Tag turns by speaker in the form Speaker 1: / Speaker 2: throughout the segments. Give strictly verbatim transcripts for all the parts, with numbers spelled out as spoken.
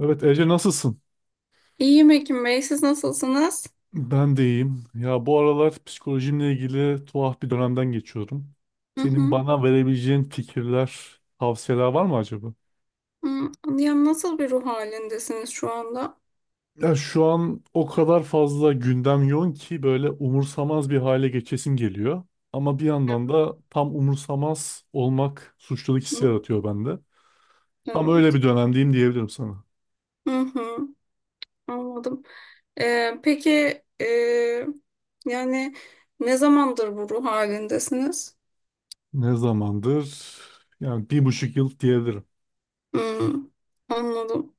Speaker 1: Evet Ece, nasılsın?
Speaker 2: İyiyim Ekim Bey, siz nasılsınız?
Speaker 1: Ben de iyiyim. Ya bu aralar psikolojimle ilgili tuhaf bir dönemden geçiyorum.
Speaker 2: Hı
Speaker 1: Senin
Speaker 2: hı.
Speaker 1: bana verebileceğin fikirler, tavsiyeler var mı acaba?
Speaker 2: Hı. Ya nasıl bir ruh halindesiniz şu anda?
Speaker 1: Ya şu an o kadar fazla gündem yoğun ki böyle umursamaz bir hale geçesim geliyor. Ama bir yandan da tam umursamaz olmak suçluluk hissi
Speaker 2: Hı.
Speaker 1: yaratıyor bende. Tam öyle
Speaker 2: Evet.
Speaker 1: bir dönemdeyim diyebilirim sana.
Speaker 2: Hı hı. Anladım. Ee, peki e, yani ne zamandır bu ruh halindesiniz?
Speaker 1: Ne zamandır? Yani bir buçuk yıl diyebilirim.
Speaker 2: Hı. Anladım.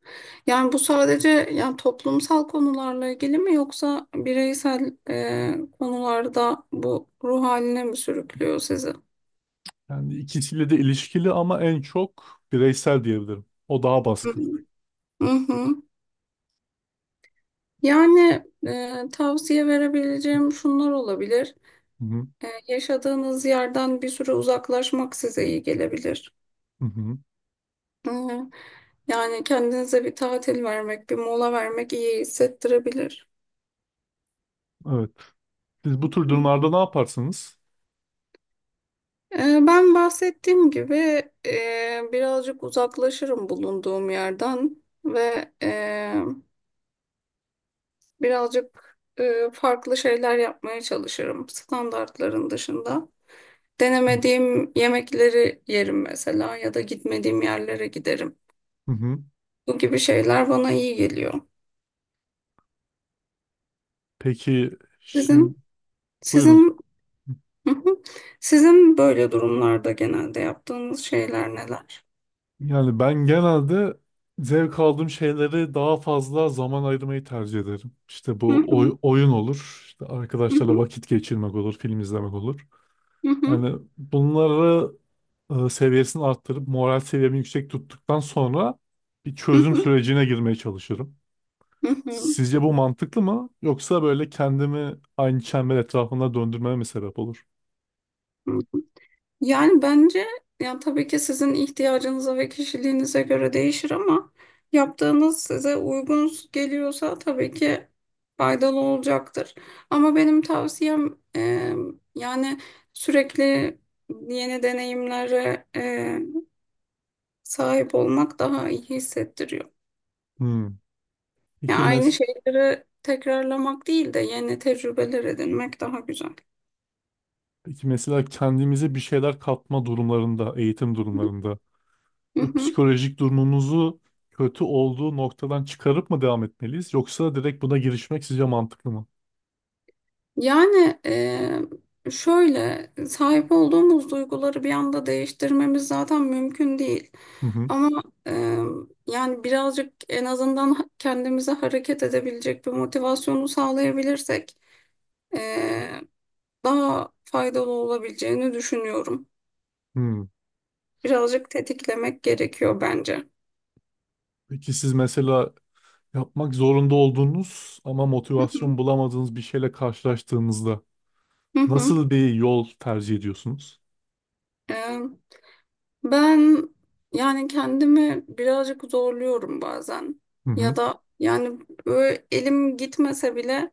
Speaker 2: Yani bu sadece yani toplumsal konularla ilgili mi yoksa bireysel e, konularda bu ruh haline mi sürüklüyor sizi?
Speaker 1: Yani ikisiyle de ilişkili ama en çok bireysel diyebilirim. O daha baskın.
Speaker 2: Hı hı. Yani e, tavsiye verebileceğim şunlar olabilir.
Speaker 1: Hı hı.
Speaker 2: E, yaşadığınız yerden bir süre uzaklaşmak size iyi gelebilir.
Speaker 1: Hı hı.
Speaker 2: E, Yani kendinize bir tatil vermek, bir mola vermek iyi hissettirebilir.
Speaker 1: Evet. Siz bu tür durumlarda ne yaparsınız?
Speaker 2: E, ben bahsettiğim gibi e, birazcık uzaklaşırım bulunduğum yerden ve e, birazcık e, farklı şeyler yapmaya çalışırım standartların dışında. Denemediğim yemekleri yerim mesela ya da gitmediğim yerlere giderim.
Speaker 1: Hı hı.
Speaker 2: Bu gibi şeyler bana iyi geliyor.
Speaker 1: Peki, şimdi
Speaker 2: Sizin
Speaker 1: buyurun.
Speaker 2: sizin Hı hı. Sizin böyle durumlarda genelde yaptığınız şeyler neler?
Speaker 1: Yani ben genelde zevk aldığım şeyleri daha fazla zaman ayırmayı tercih ederim. İşte
Speaker 2: Hı
Speaker 1: bu
Speaker 2: hı,
Speaker 1: oy- oyun olur, işte
Speaker 2: hı
Speaker 1: arkadaşlarla
Speaker 2: hı,
Speaker 1: vakit geçirmek olur, film izlemek olur.
Speaker 2: hı
Speaker 1: Yani bunları e, seviyesini arttırıp moral seviyemi yüksek tuttuktan sonra bir çözüm
Speaker 2: hı,
Speaker 1: sürecine girmeye çalışırım.
Speaker 2: hı hı, hı
Speaker 1: Sizce bu mantıklı mı? Yoksa böyle kendimi aynı çember etrafında döndürmeme mi sebep olur?
Speaker 2: hı. Yani bence yani tabii ki sizin ihtiyacınıza ve kişiliğinize göre değişir ama yaptığınız size uygun geliyorsa tabii ki faydalı olacaktır. Ama benim tavsiyem e, yani sürekli yeni deneyimlere e, sahip olmak daha iyi hissettiriyor.
Speaker 1: Hmm.
Speaker 2: Yani
Speaker 1: Peki,
Speaker 2: aynı
Speaker 1: mes
Speaker 2: şeyleri tekrarlamak değil de yeni tecrübeler edinmek daha güzel.
Speaker 1: Peki mesela kendimize bir şeyler katma durumlarında, eğitim durumlarında bu psikolojik durumumuzu kötü olduğu noktadan çıkarıp mı devam etmeliyiz? Yoksa direkt buna girişmek sizce mantıklı mı?
Speaker 2: Yani e, şöyle sahip olduğumuz duyguları bir anda değiştirmemiz zaten mümkün değil.
Speaker 1: Hı hı.
Speaker 2: Ama e, yani birazcık en azından ha- kendimize hareket edebilecek bir motivasyonu sağlayabilirsek e, daha faydalı olabileceğini düşünüyorum.
Speaker 1: Hmm.
Speaker 2: Birazcık tetiklemek gerekiyor bence.
Speaker 1: Peki siz mesela yapmak zorunda olduğunuz ama
Speaker 2: Hı
Speaker 1: motivasyon bulamadığınız bir şeyle karşılaştığınızda
Speaker 2: hı.
Speaker 1: nasıl bir yol tercih ediyorsunuz?
Speaker 2: Hı hı. Ben yani kendimi birazcık zorluyorum bazen.
Speaker 1: Hı
Speaker 2: Ya
Speaker 1: hı.
Speaker 2: da yani böyle elim gitmese bile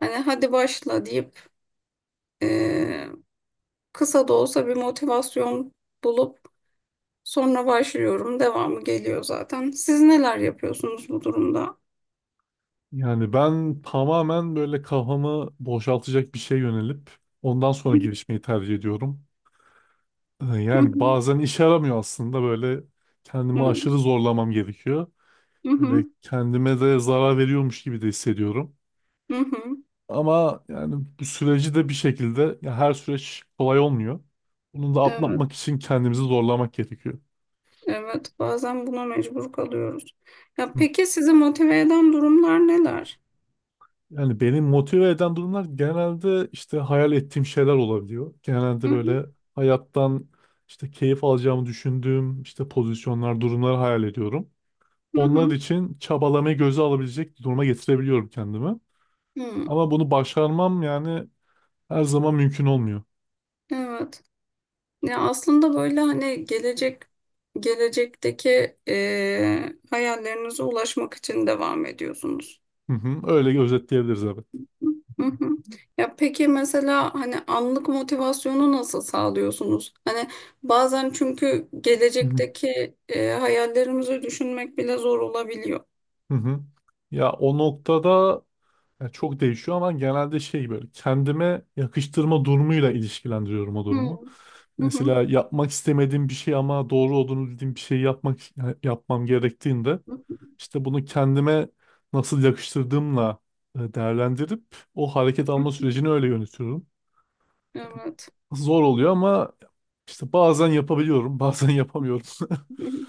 Speaker 2: hani hadi başla deyip eee, kısa da olsa bir motivasyon bulup sonra başlıyorum. Devamı geliyor zaten. Siz neler yapıyorsunuz bu durumda?
Speaker 1: Yani ben tamamen böyle kafamı boşaltacak bir şey yönelip ondan sonra girişmeyi tercih ediyorum. Ee,
Speaker 2: Hı
Speaker 1: Yani
Speaker 2: hı.
Speaker 1: bazen işe yaramıyor, aslında böyle kendimi
Speaker 2: Evet.
Speaker 1: aşırı zorlamam gerekiyor.
Speaker 2: Hı
Speaker 1: Böyle
Speaker 2: hı.
Speaker 1: kendime de zarar veriyormuş gibi de hissediyorum.
Speaker 2: Hı hı.
Speaker 1: Ama yani bu süreci de bir şekilde, ya her süreç kolay olmuyor. Bunu da
Speaker 2: Evet.
Speaker 1: atlatmak için kendimizi zorlamak gerekiyor.
Speaker 2: Evet. Bazen buna mecbur kalıyoruz. Ya peki sizi motive eden durumlar neler?
Speaker 1: Yani beni motive eden durumlar genelde işte hayal ettiğim şeyler olabiliyor. Genelde
Speaker 2: Hı hı.
Speaker 1: böyle hayattan işte keyif alacağımı düşündüğüm işte pozisyonlar, durumları hayal ediyorum.
Speaker 2: Hı
Speaker 1: Onlar
Speaker 2: hı.
Speaker 1: için çabalamayı göze alabilecek duruma getirebiliyorum kendimi.
Speaker 2: Hı.
Speaker 1: Ama bunu başarmam yani her zaman mümkün olmuyor.
Speaker 2: Evet. Ya aslında böyle hani gelecek gelecekteki eee hayallerinize ulaşmak için devam ediyorsunuz.
Speaker 1: Hı hı, öyle özetleyebiliriz, evet.
Speaker 2: Hı hı. Ya peki mesela hani anlık motivasyonu nasıl sağlıyorsunuz? Hani bazen çünkü
Speaker 1: Hı hı.
Speaker 2: gelecekteki eee, hayallerimizi düşünmek bile zor olabiliyor.
Speaker 1: Hı hı. Ya o noktada, yani çok değişiyor ama genelde şey, böyle kendime yakıştırma durumuyla ilişkilendiriyorum o durumu.
Speaker 2: Hı hı.
Speaker 1: Mesela yapmak istemediğim bir şey ama doğru olduğunu bildiğim bir şey yapmak, yani yapmam gerektiğinde
Speaker 2: Hı hı.
Speaker 1: işte bunu kendime nasıl yakıştırdığımla e, değerlendirip o hareket alma sürecini öyle yönetiyorum.
Speaker 2: Evet.
Speaker 1: Zor oluyor ama işte bazen yapabiliyorum, bazen yapamıyorum.
Speaker 2: Hı hı.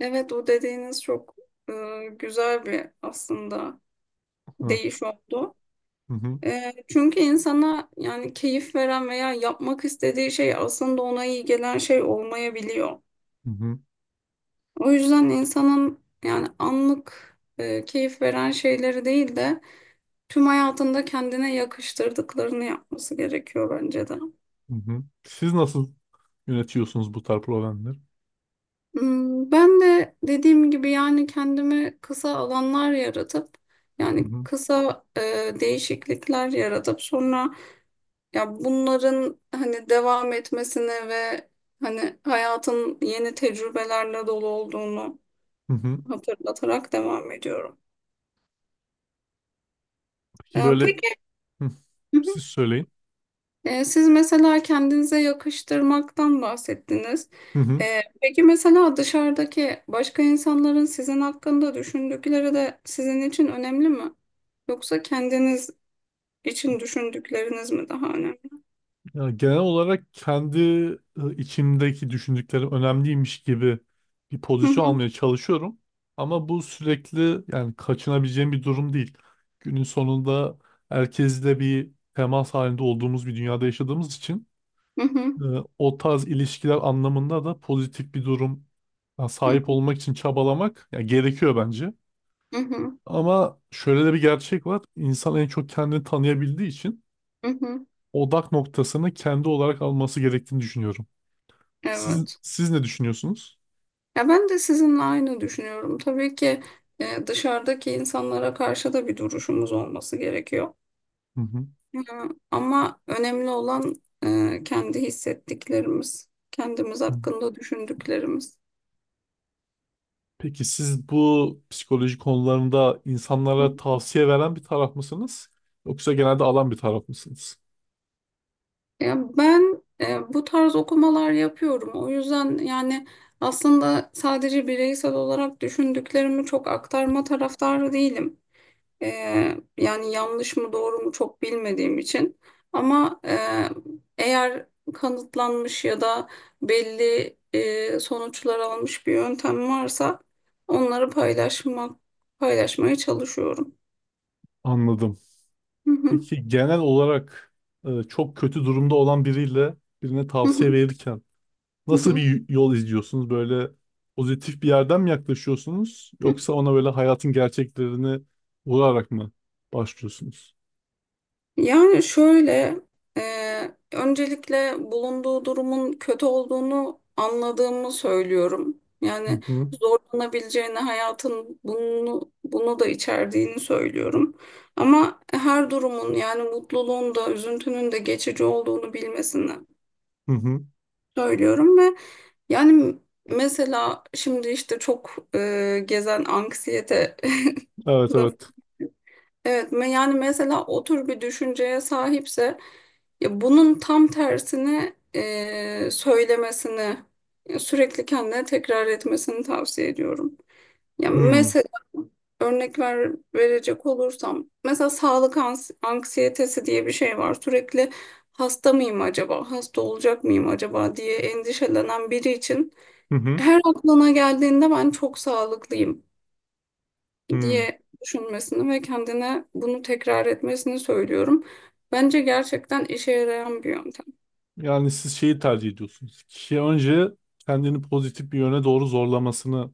Speaker 2: Evet o dediğiniz çok eee, güzel bir aslında
Speaker 1: Hı
Speaker 2: değiş oldu.
Speaker 1: hı,
Speaker 2: E, çünkü insana yani keyif veren veya yapmak istediği şey aslında ona iyi gelen şey olmayabiliyor.
Speaker 1: hı hı.
Speaker 2: O yüzden insanın yani anlık e, keyif veren şeyleri değil de tüm hayatında kendine yakıştırdıklarını yapması gerekiyor bence de.
Speaker 1: Hı hı. Siz nasıl yönetiyorsunuz bu tarz problemleri?
Speaker 2: Hmm, Ben de dediğim gibi yani kendimi kısa alanlar yaratıp
Speaker 1: Hı
Speaker 2: yani
Speaker 1: hı.
Speaker 2: kısa e, değişiklikler yaratıp sonra ya bunların hani devam etmesini ve hani hayatın yeni tecrübelerle dolu olduğunu
Speaker 1: Hı hı.
Speaker 2: hatırlatarak devam ediyorum.
Speaker 1: Peki,
Speaker 2: Ee,
Speaker 1: böyle.
Speaker 2: peki.
Speaker 1: Hı.
Speaker 2: Hı hı.
Speaker 1: Siz söyleyin.
Speaker 2: Ee, siz mesela kendinize yakıştırmaktan bahsettiniz.
Speaker 1: Hı hı.
Speaker 2: Ee, peki mesela dışarıdaki başka insanların sizin hakkında düşündükleri de sizin için önemli mi? Yoksa kendiniz için düşündükleriniz mi daha önemli?
Speaker 1: Ya genel olarak kendi e, içimdeki düşündüklerim önemliymiş gibi bir
Speaker 2: Hı
Speaker 1: pozisyon
Speaker 2: hı,
Speaker 1: almaya çalışıyorum. Ama bu sürekli yani kaçınabileceğim bir durum değil. Günün sonunda herkesle bir temas halinde olduğumuz bir dünyada yaşadığımız için
Speaker 2: hı hı,
Speaker 1: e, o tarz ilişkiler anlamında da pozitif bir durum, ya
Speaker 2: hı
Speaker 1: sahip
Speaker 2: hı,
Speaker 1: olmak için çabalamak ya gerekiyor bence.
Speaker 2: hı hı,
Speaker 1: Ama şöyle de bir gerçek var. İnsan en çok kendini tanıyabildiği için
Speaker 2: hı hı.
Speaker 1: odak noktasını kendi olarak alması gerektiğini düşünüyorum. Siz,
Speaker 2: Evet.
Speaker 1: siz ne düşünüyorsunuz?
Speaker 2: Ya ben de sizinle aynı düşünüyorum. Tabii ki e, dışarıdaki insanlara karşı da bir duruşumuz olması gerekiyor.
Speaker 1: Hı hı.
Speaker 2: E, Ama önemli olan e, kendi hissettiklerimiz, kendimiz
Speaker 1: Hı.
Speaker 2: hakkında düşündüklerimiz.
Speaker 1: Peki siz bu psikoloji konularında
Speaker 2: Hı.
Speaker 1: insanlara tavsiye veren bir taraf mısınız? Yoksa genelde alan bir taraf mısınız?
Speaker 2: Ya ben e, bu tarz okumalar yapıyorum. O yüzden yani aslında sadece bireysel olarak düşündüklerimi çok aktarma taraftarı değilim. Ee, yani yanlış mı doğru mu çok bilmediğim için ama e, eğer kanıtlanmış ya da belli e, sonuçlar almış bir yöntem varsa onları paylaşmak paylaşmaya çalışıyorum.
Speaker 1: Anladım.
Speaker 2: Hı hı,
Speaker 1: Peki genel olarak e, çok kötü durumda olan biriyle birine
Speaker 2: hı
Speaker 1: tavsiye
Speaker 2: hı,
Speaker 1: verirken
Speaker 2: hı
Speaker 1: nasıl
Speaker 2: hı,
Speaker 1: bir yol izliyorsunuz? Böyle pozitif bir yerden mi yaklaşıyorsunuz?
Speaker 2: hı.
Speaker 1: Yoksa ona böyle hayatın gerçeklerini vurarak mı başlıyorsunuz?
Speaker 2: Yani şöyle, e, öncelikle bulunduğu durumun kötü olduğunu anladığımı söylüyorum.
Speaker 1: Hı
Speaker 2: Yani
Speaker 1: hı.
Speaker 2: zorlanabileceğini, hayatın bunu bunu da içerdiğini söylüyorum. Ama her durumun yani mutluluğun da üzüntünün de geçici olduğunu bilmesini
Speaker 1: Hı hı.
Speaker 2: söylüyorum ve yani mesela şimdi işte çok e, gezen anksiyete.
Speaker 1: Evet, evet.
Speaker 2: Evet, me- yani mesela o tür bir düşünceye sahipse ya bunun tam tersini e, söylemesini ya sürekli kendine tekrar etmesini tavsiye ediyorum. Ya
Speaker 1: Hmm.
Speaker 2: mesela örnek ver, verecek olursam mesela sağlık ans- anksiyetesi diye bir şey var. Sürekli hasta mıyım acaba, hasta olacak mıyım acaba diye endişelenen biri için
Speaker 1: Hı hı.
Speaker 2: her aklına geldiğinde ben çok sağlıklıyım
Speaker 1: Hmm.
Speaker 2: diye düşünmesini ve kendine bunu tekrar etmesini söylüyorum. Bence gerçekten işe yarayan bir yöntem.
Speaker 1: Yani siz şeyi tercih ediyorsunuz. Kişi önce kendini pozitif bir yöne doğru zorlamasını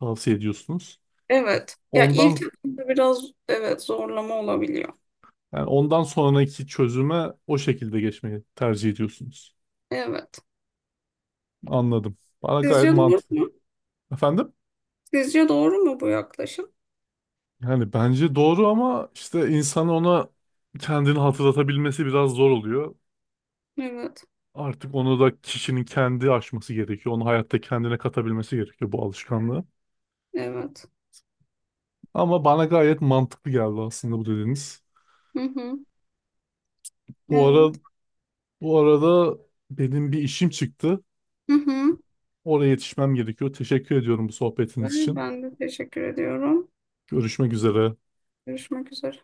Speaker 1: tavsiye ediyorsunuz.
Speaker 2: Evet. Ya
Speaker 1: Ondan
Speaker 2: ilk etapta biraz evet zorlama olabiliyor.
Speaker 1: yani ondan sonraki çözüme o şekilde geçmeyi tercih ediyorsunuz.
Speaker 2: Evet.
Speaker 1: Anladım. Bana gayet
Speaker 2: Sizce doğru
Speaker 1: mantıklı.
Speaker 2: mu?
Speaker 1: Efendim?
Speaker 2: Sizce doğru mu bu yaklaşım?
Speaker 1: Yani bence doğru ama işte insan ona kendini hatırlatabilmesi biraz zor oluyor.
Speaker 2: Evet.
Speaker 1: Artık onu da kişinin kendi aşması gerekiyor. Onu hayatta kendine katabilmesi gerekiyor bu alışkanlığı.
Speaker 2: Evet.
Speaker 1: Ama bana gayet mantıklı geldi aslında bu dediğiniz.
Speaker 2: Hı hı.
Speaker 1: Bu ara
Speaker 2: Evet.
Speaker 1: bu arada benim bir işim çıktı.
Speaker 2: Hı hı.
Speaker 1: Oraya yetişmem gerekiyor. Teşekkür ediyorum bu sohbetiniz
Speaker 2: Ben
Speaker 1: için.
Speaker 2: ben de teşekkür ediyorum.
Speaker 1: Görüşmek üzere.
Speaker 2: Görüşmek üzere.